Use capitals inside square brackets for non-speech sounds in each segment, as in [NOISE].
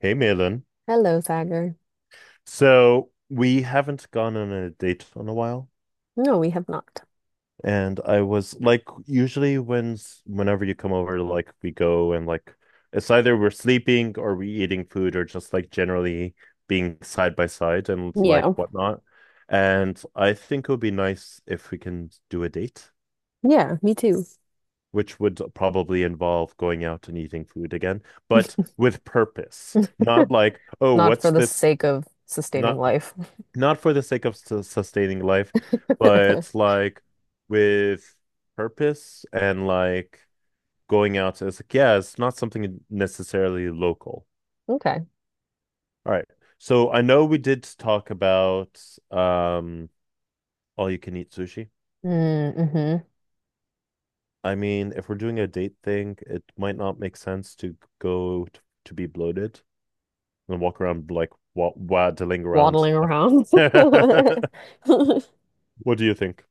Hey, Malin. Hello, Sagar. So we haven't gone on a date in a while, No, we have not. and I was like, usually when whenever you come over, like we go and like it's either we're sleeping or we eating food or just like generally being side by side and Yeah. like whatnot. And I think it would be nice if we can do a date, Yeah, me too. which would probably involve going out and eating food again, but with purpose, not [LAUGHS] like, oh, Not for what's the this? sake of sustaining Not life. not for the sake of su sustaining life, but [LAUGHS] like with purpose and like going out. It's like, yeah, it's not something necessarily local. Okay. All right. So I know we did talk about um all you can eat sushi. Mm-hmm. I mean, if we're doing a date thing, it might not make sense to to be bloated and walk around like wa waddling around. Waddling around. [LAUGHS] [LAUGHS] What do you think?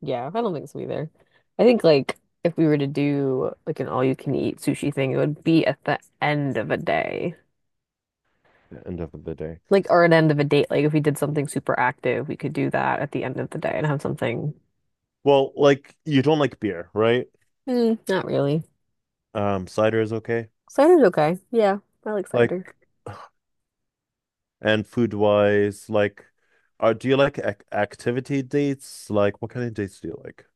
Yeah, I don't think so either. I think like if we were to do like an all-you-can-eat sushi thing, it would be at the end of a day. At the end of the day. Like or an end of a date. Like if we did something super active, we could do that at the end of the day and have something. Well, like you don't like beer, right? Mm, not really. Cider is okay. Cider's okay. Yeah, I like cider. Like, and food wise, like, are do you like ac activity dates? Like, what kind of dates do you like?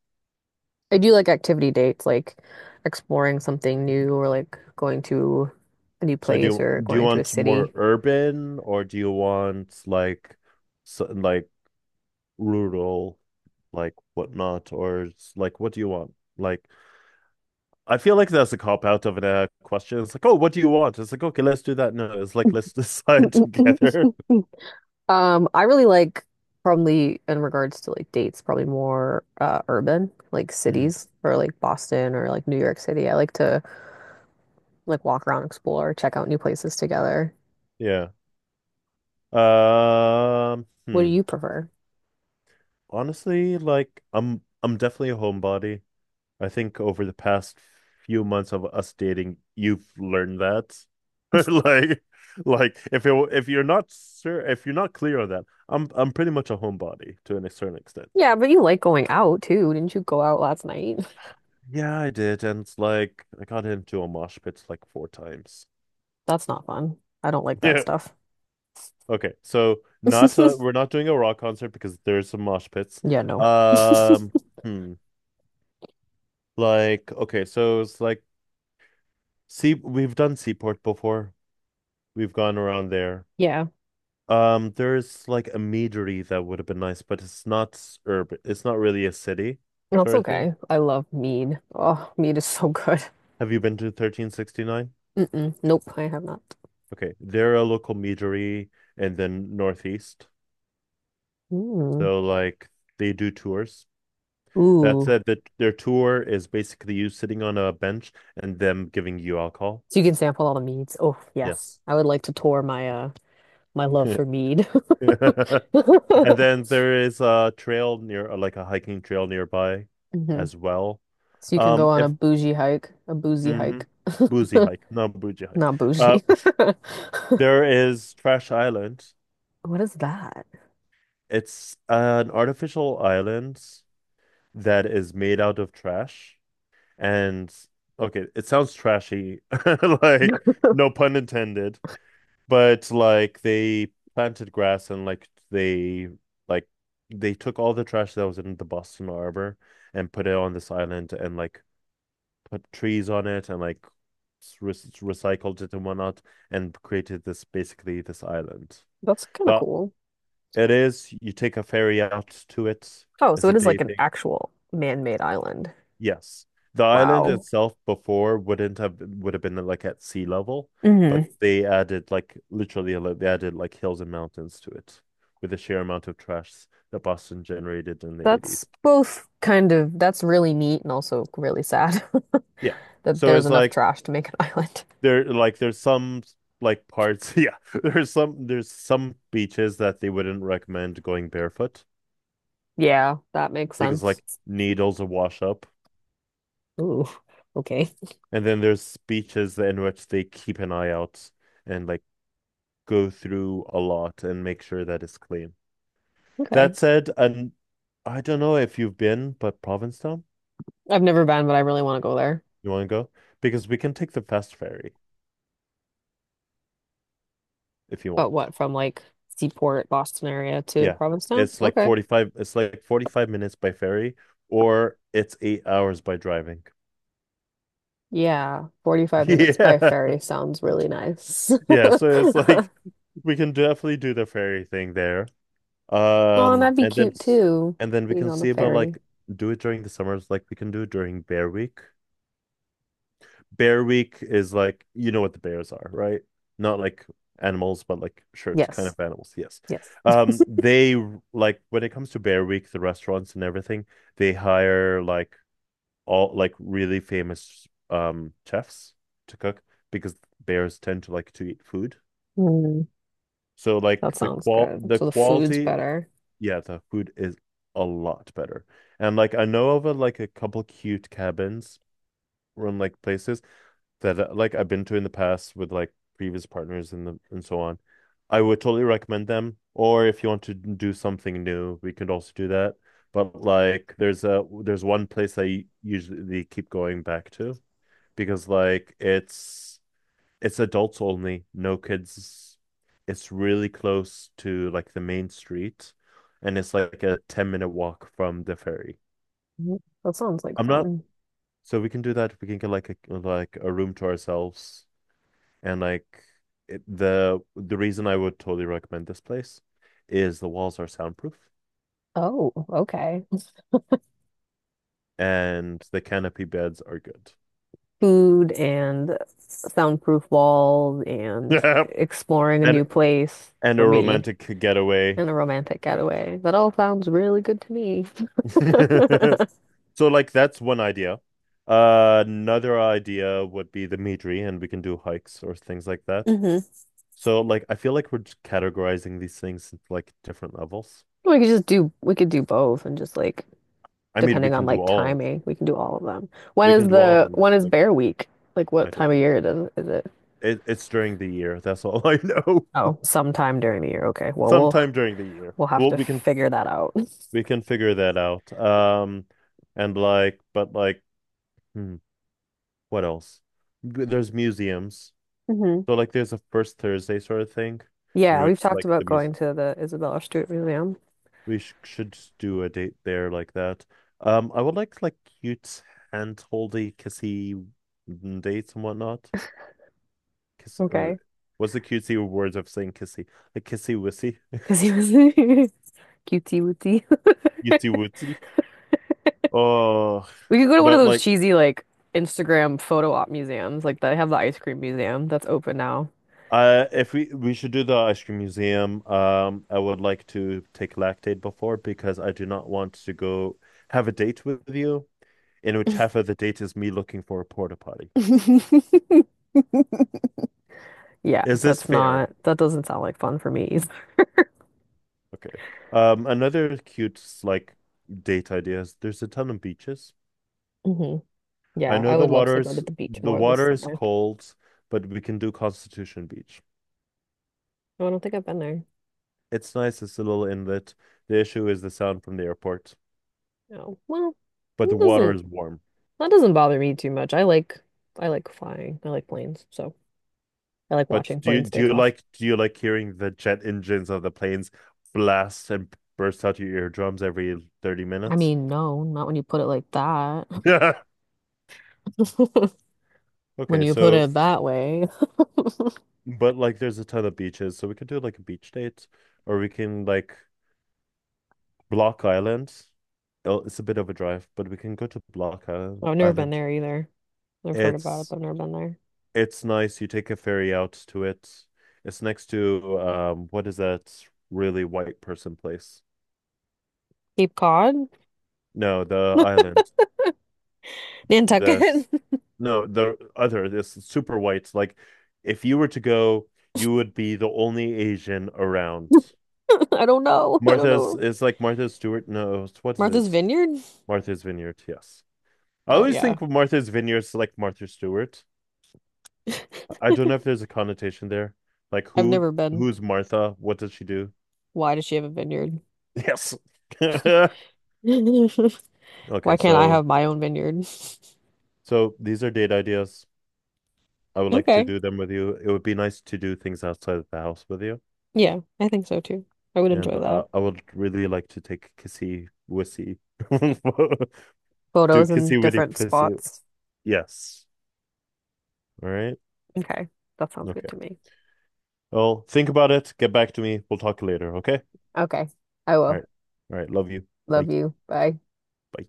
I do like activity dates, like exploring something new or like going to a new So do place or you do you going to a want more city. urban or do you want like, so, like rural, like whatnot, like what do you want? Like, I feel like that's a cop out of a question. It's like, oh, what do you want? It's like, okay, let's do that. No, it's like let's decide [LAUGHS] [LAUGHS] together. I really like probably in regards to like dates, probably more urban, like Hmm. cities or like Boston or like New York City. I like to like walk around, explore, check out new places together. Yeah. Um. What do hmm. you prefer? Honestly, like I'm definitely a homebody. I think over the past few months of us dating, you've learned that. [LAUGHS] Like like if you're not sure if you're not clear on that, I'm pretty much a homebody to an certain extent. Yeah, but you like going out too. Didn't you go out last night? Yeah, I did, and it's like I got into a mosh pit like four times. [LAUGHS] [LAUGHS] That's not fun. I don't like that Yeah. stuff. Okay, so not [LAUGHS] we're not doing a rock concert because there's some mosh pits. Yeah, no. Um, hmm. Like, okay, so it's like see, we've done Seaport before. We've gone around there. Yeah. There's like a meadery that would have been nice, but it's not urban. It's not really a city That's sort of thing. okay. I love mead. Oh, mead is so good. Have you been to 1369? Mm-mm. Nope, I have not. Okay, they're a local meadery and then northeast. Mm. So like they do tours. That Ooh. said, that their tour is basically you sitting on a bench and them giving you alcohol. So you can sample all the meads. Oh, yes. Yes. I would like to tour my love for [LAUGHS] mead. [LAUGHS] [LAUGHS] And then there is a trail near, like a hiking trail nearby Hmm. as well. So you can go on a If bougie hike, a boozy hike. mhm. Boozy hike, not bougie [LAUGHS] hike. Not Uh, bougie. [LAUGHS] there is Trash Island. What is that? It's an artificial island that is made out of trash. And okay, it sounds trashy, [LAUGHS] like [LAUGHS] no pun intended. But like they planted grass and like they took all the trash that was in the Boston Harbor and put it on this island and like put trees on it and like re recycled it and whatnot and created this basically this island. That's kind of The cool. it is you take a ferry out to it. Oh, so It's a it is day like an thing. actual man-made island. Yes. The island Wow. itself before wouldn't have would have been like at sea level, but Hmm. they added like literally like they added like hills and mountains to it with the sheer amount of trash that Boston generated in the That's 80s. both kind of — that's really neat and also really sad Yeah. [LAUGHS] that So there's it's enough like trash to make an [LAUGHS] island. there like there's some like parts, [LAUGHS] yeah. There's some beaches that they wouldn't recommend going barefoot Yeah, that makes because sense. like needles will wash up. Ooh, okay. And then there's beaches in which they keep an eye out and like go through a lot and make sure that it's clean. That Okay. said, and I don't know if you've been, but Provincetown, I've never been, but I really want to go there. you want to go? Because we can take the fast ferry if you But want. what, from like Seaport, Boston area to Yeah, Provincetown? it's like Okay. 45, it's like 45 minutes by ferry, or it's 8 hours by driving. Yeah, [LAUGHS] 45 minutes by Yeah. ferry sounds really nice. Yeah, so it's like [LAUGHS] we can definitely do the ferry thing there. Oh, and Um, that'd be and then cute s- too, and then we being can on the see about ferry. like do it during the summers, like we can do it during Bear Week. Bear Week is like you know what the bears are, right? Not like animals, but like shirts kind Yes. of animals. Yes. Yes. They like when it comes to Bear Week, the restaurants and everything, they hire like all like really famous chefs to cook because bears tend to like to eat food. Mm, So that like sounds good. the So the food's quality, better. yeah, the food is a lot better. And like I know of a, like a couple cute cabins run like places that like I've been to in the past with like previous partners and so on. I would totally recommend them. Or if you want to do something new, we could also do that. But like there's one place I usually keep going back to because like it's adults only, no kids. It's really close to like the main street and it's like a 10-minute walk from the ferry. Mhm. That sounds like I'm not fun. so we can do that. We can get like a room to ourselves. And like the reason I would totally recommend this place is the walls are soundproof Oh, okay. and the canopy beds are good. Food and soundproof walls and [LAUGHS] exploring a And right, new place and a for me romantic getaway. and a romantic getaway. That all sounds really good to me. [LAUGHS] [LAUGHS] So like that's one idea. Another idea would be the Midri, and we can do hikes or things like that. Hmm. So like I feel like we're just categorizing these things into like different levels. We could do both and just like I mean, we depending can on do like all. timing, we can do all of them. When We can is do all of the them. when Just is like Bear Week? Like I what don't time of know. year it is it? It's during the year. That's all I know. Oh, sometime during the year. Okay. [LAUGHS] Well, we'll Sometime during the year. we'll have Well, to figure that out. [LAUGHS] we can figure that out. And like, but like, hmm, what else? There's museums. Hmm. So like, there's a first Thursday sort of thing, in Yeah, which we've talked like about the muse going to the Isabella Stewart Museum. we sh should just do a date there like that. I would like cute hand holdy kissy dates and whatnot. Kiss, uh, Okay. what's the cutesy words of saying kissy? Like kissy wissy, [LAUGHS] Because he was [LAUGHS] cutie wootie. [LAUGHS] cutesy wootsy. Oh, We could go to one of but those like, cheesy like Instagram photo op museums, like they have the ice cream museum that's open now. If we we should do the ice cream museum, I would like to take lactate before because I do not want to go have a date with you in which half of the date is me looking for a porta potty. [LAUGHS] Yeah, Is this fair? That doesn't sound like fun for me either. Okay. Another cute like date idea is there's a ton of beaches. Hmm. I Yeah, know I would love to go to the beach the more this water is summer. cold, but we can do Constitution Beach. No, I don't think I've been there. It's nice. It's a little inlet. The issue is the sound from the airport, No. Well, but the it water doesn't is warm. that doesn't bother me too much. I like flying. I like planes, so I like But watching do you planes do take you off. like do you like hearing the jet engines of the planes blast and burst out your eardrums every 30 I minutes? mean, no, not when you put it like that. [LAUGHS] [LAUGHS] When Okay, you put so it that way. [LAUGHS] but like there's a ton of beaches, so we could do like a beach date or we can like Block Island. Oh, it's a bit of a drive, but we can go to I've never been Island. there either. I've heard about it, It's but I've never been there. it's nice. You take a ferry out to it. It's next to what is that really white person place? Cape Cod? No, the island. The Nantucket? [LAUGHS] No, the other, this super whites. Like, if you were to go, you would be the only Asian around. I don't know. I don't Martha's know. is like Martha Stewart. No, what is Martha's it? Vineyard? Martha's Vineyard. Yes. I Oh, always yeah. think of Martha's Vineyard's like Martha Stewart. [LAUGHS] I don't know if there's a connotation there. Like, I've who never been. who's Martha? What does she do? Why does she have a vineyard? Yes. [LAUGHS] [LAUGHS] Why Okay, can't I so have my own vineyard? [LAUGHS] so these are date ideas. I would like to Okay. do them with you. It would be nice to do things outside of the house with you. Yeah, I think so too. I would And enjoy that. I would really like to take kissy wissy. [LAUGHS] Do Photos in kissy witty different fissy. spots. Yes. All right. Okay. That sounds good Okay. to me. Well, think about it. Get back to me. We'll talk later. Okay. Okay. I All will. right. All right. Love you. Bye. Love you. Bye. Bye.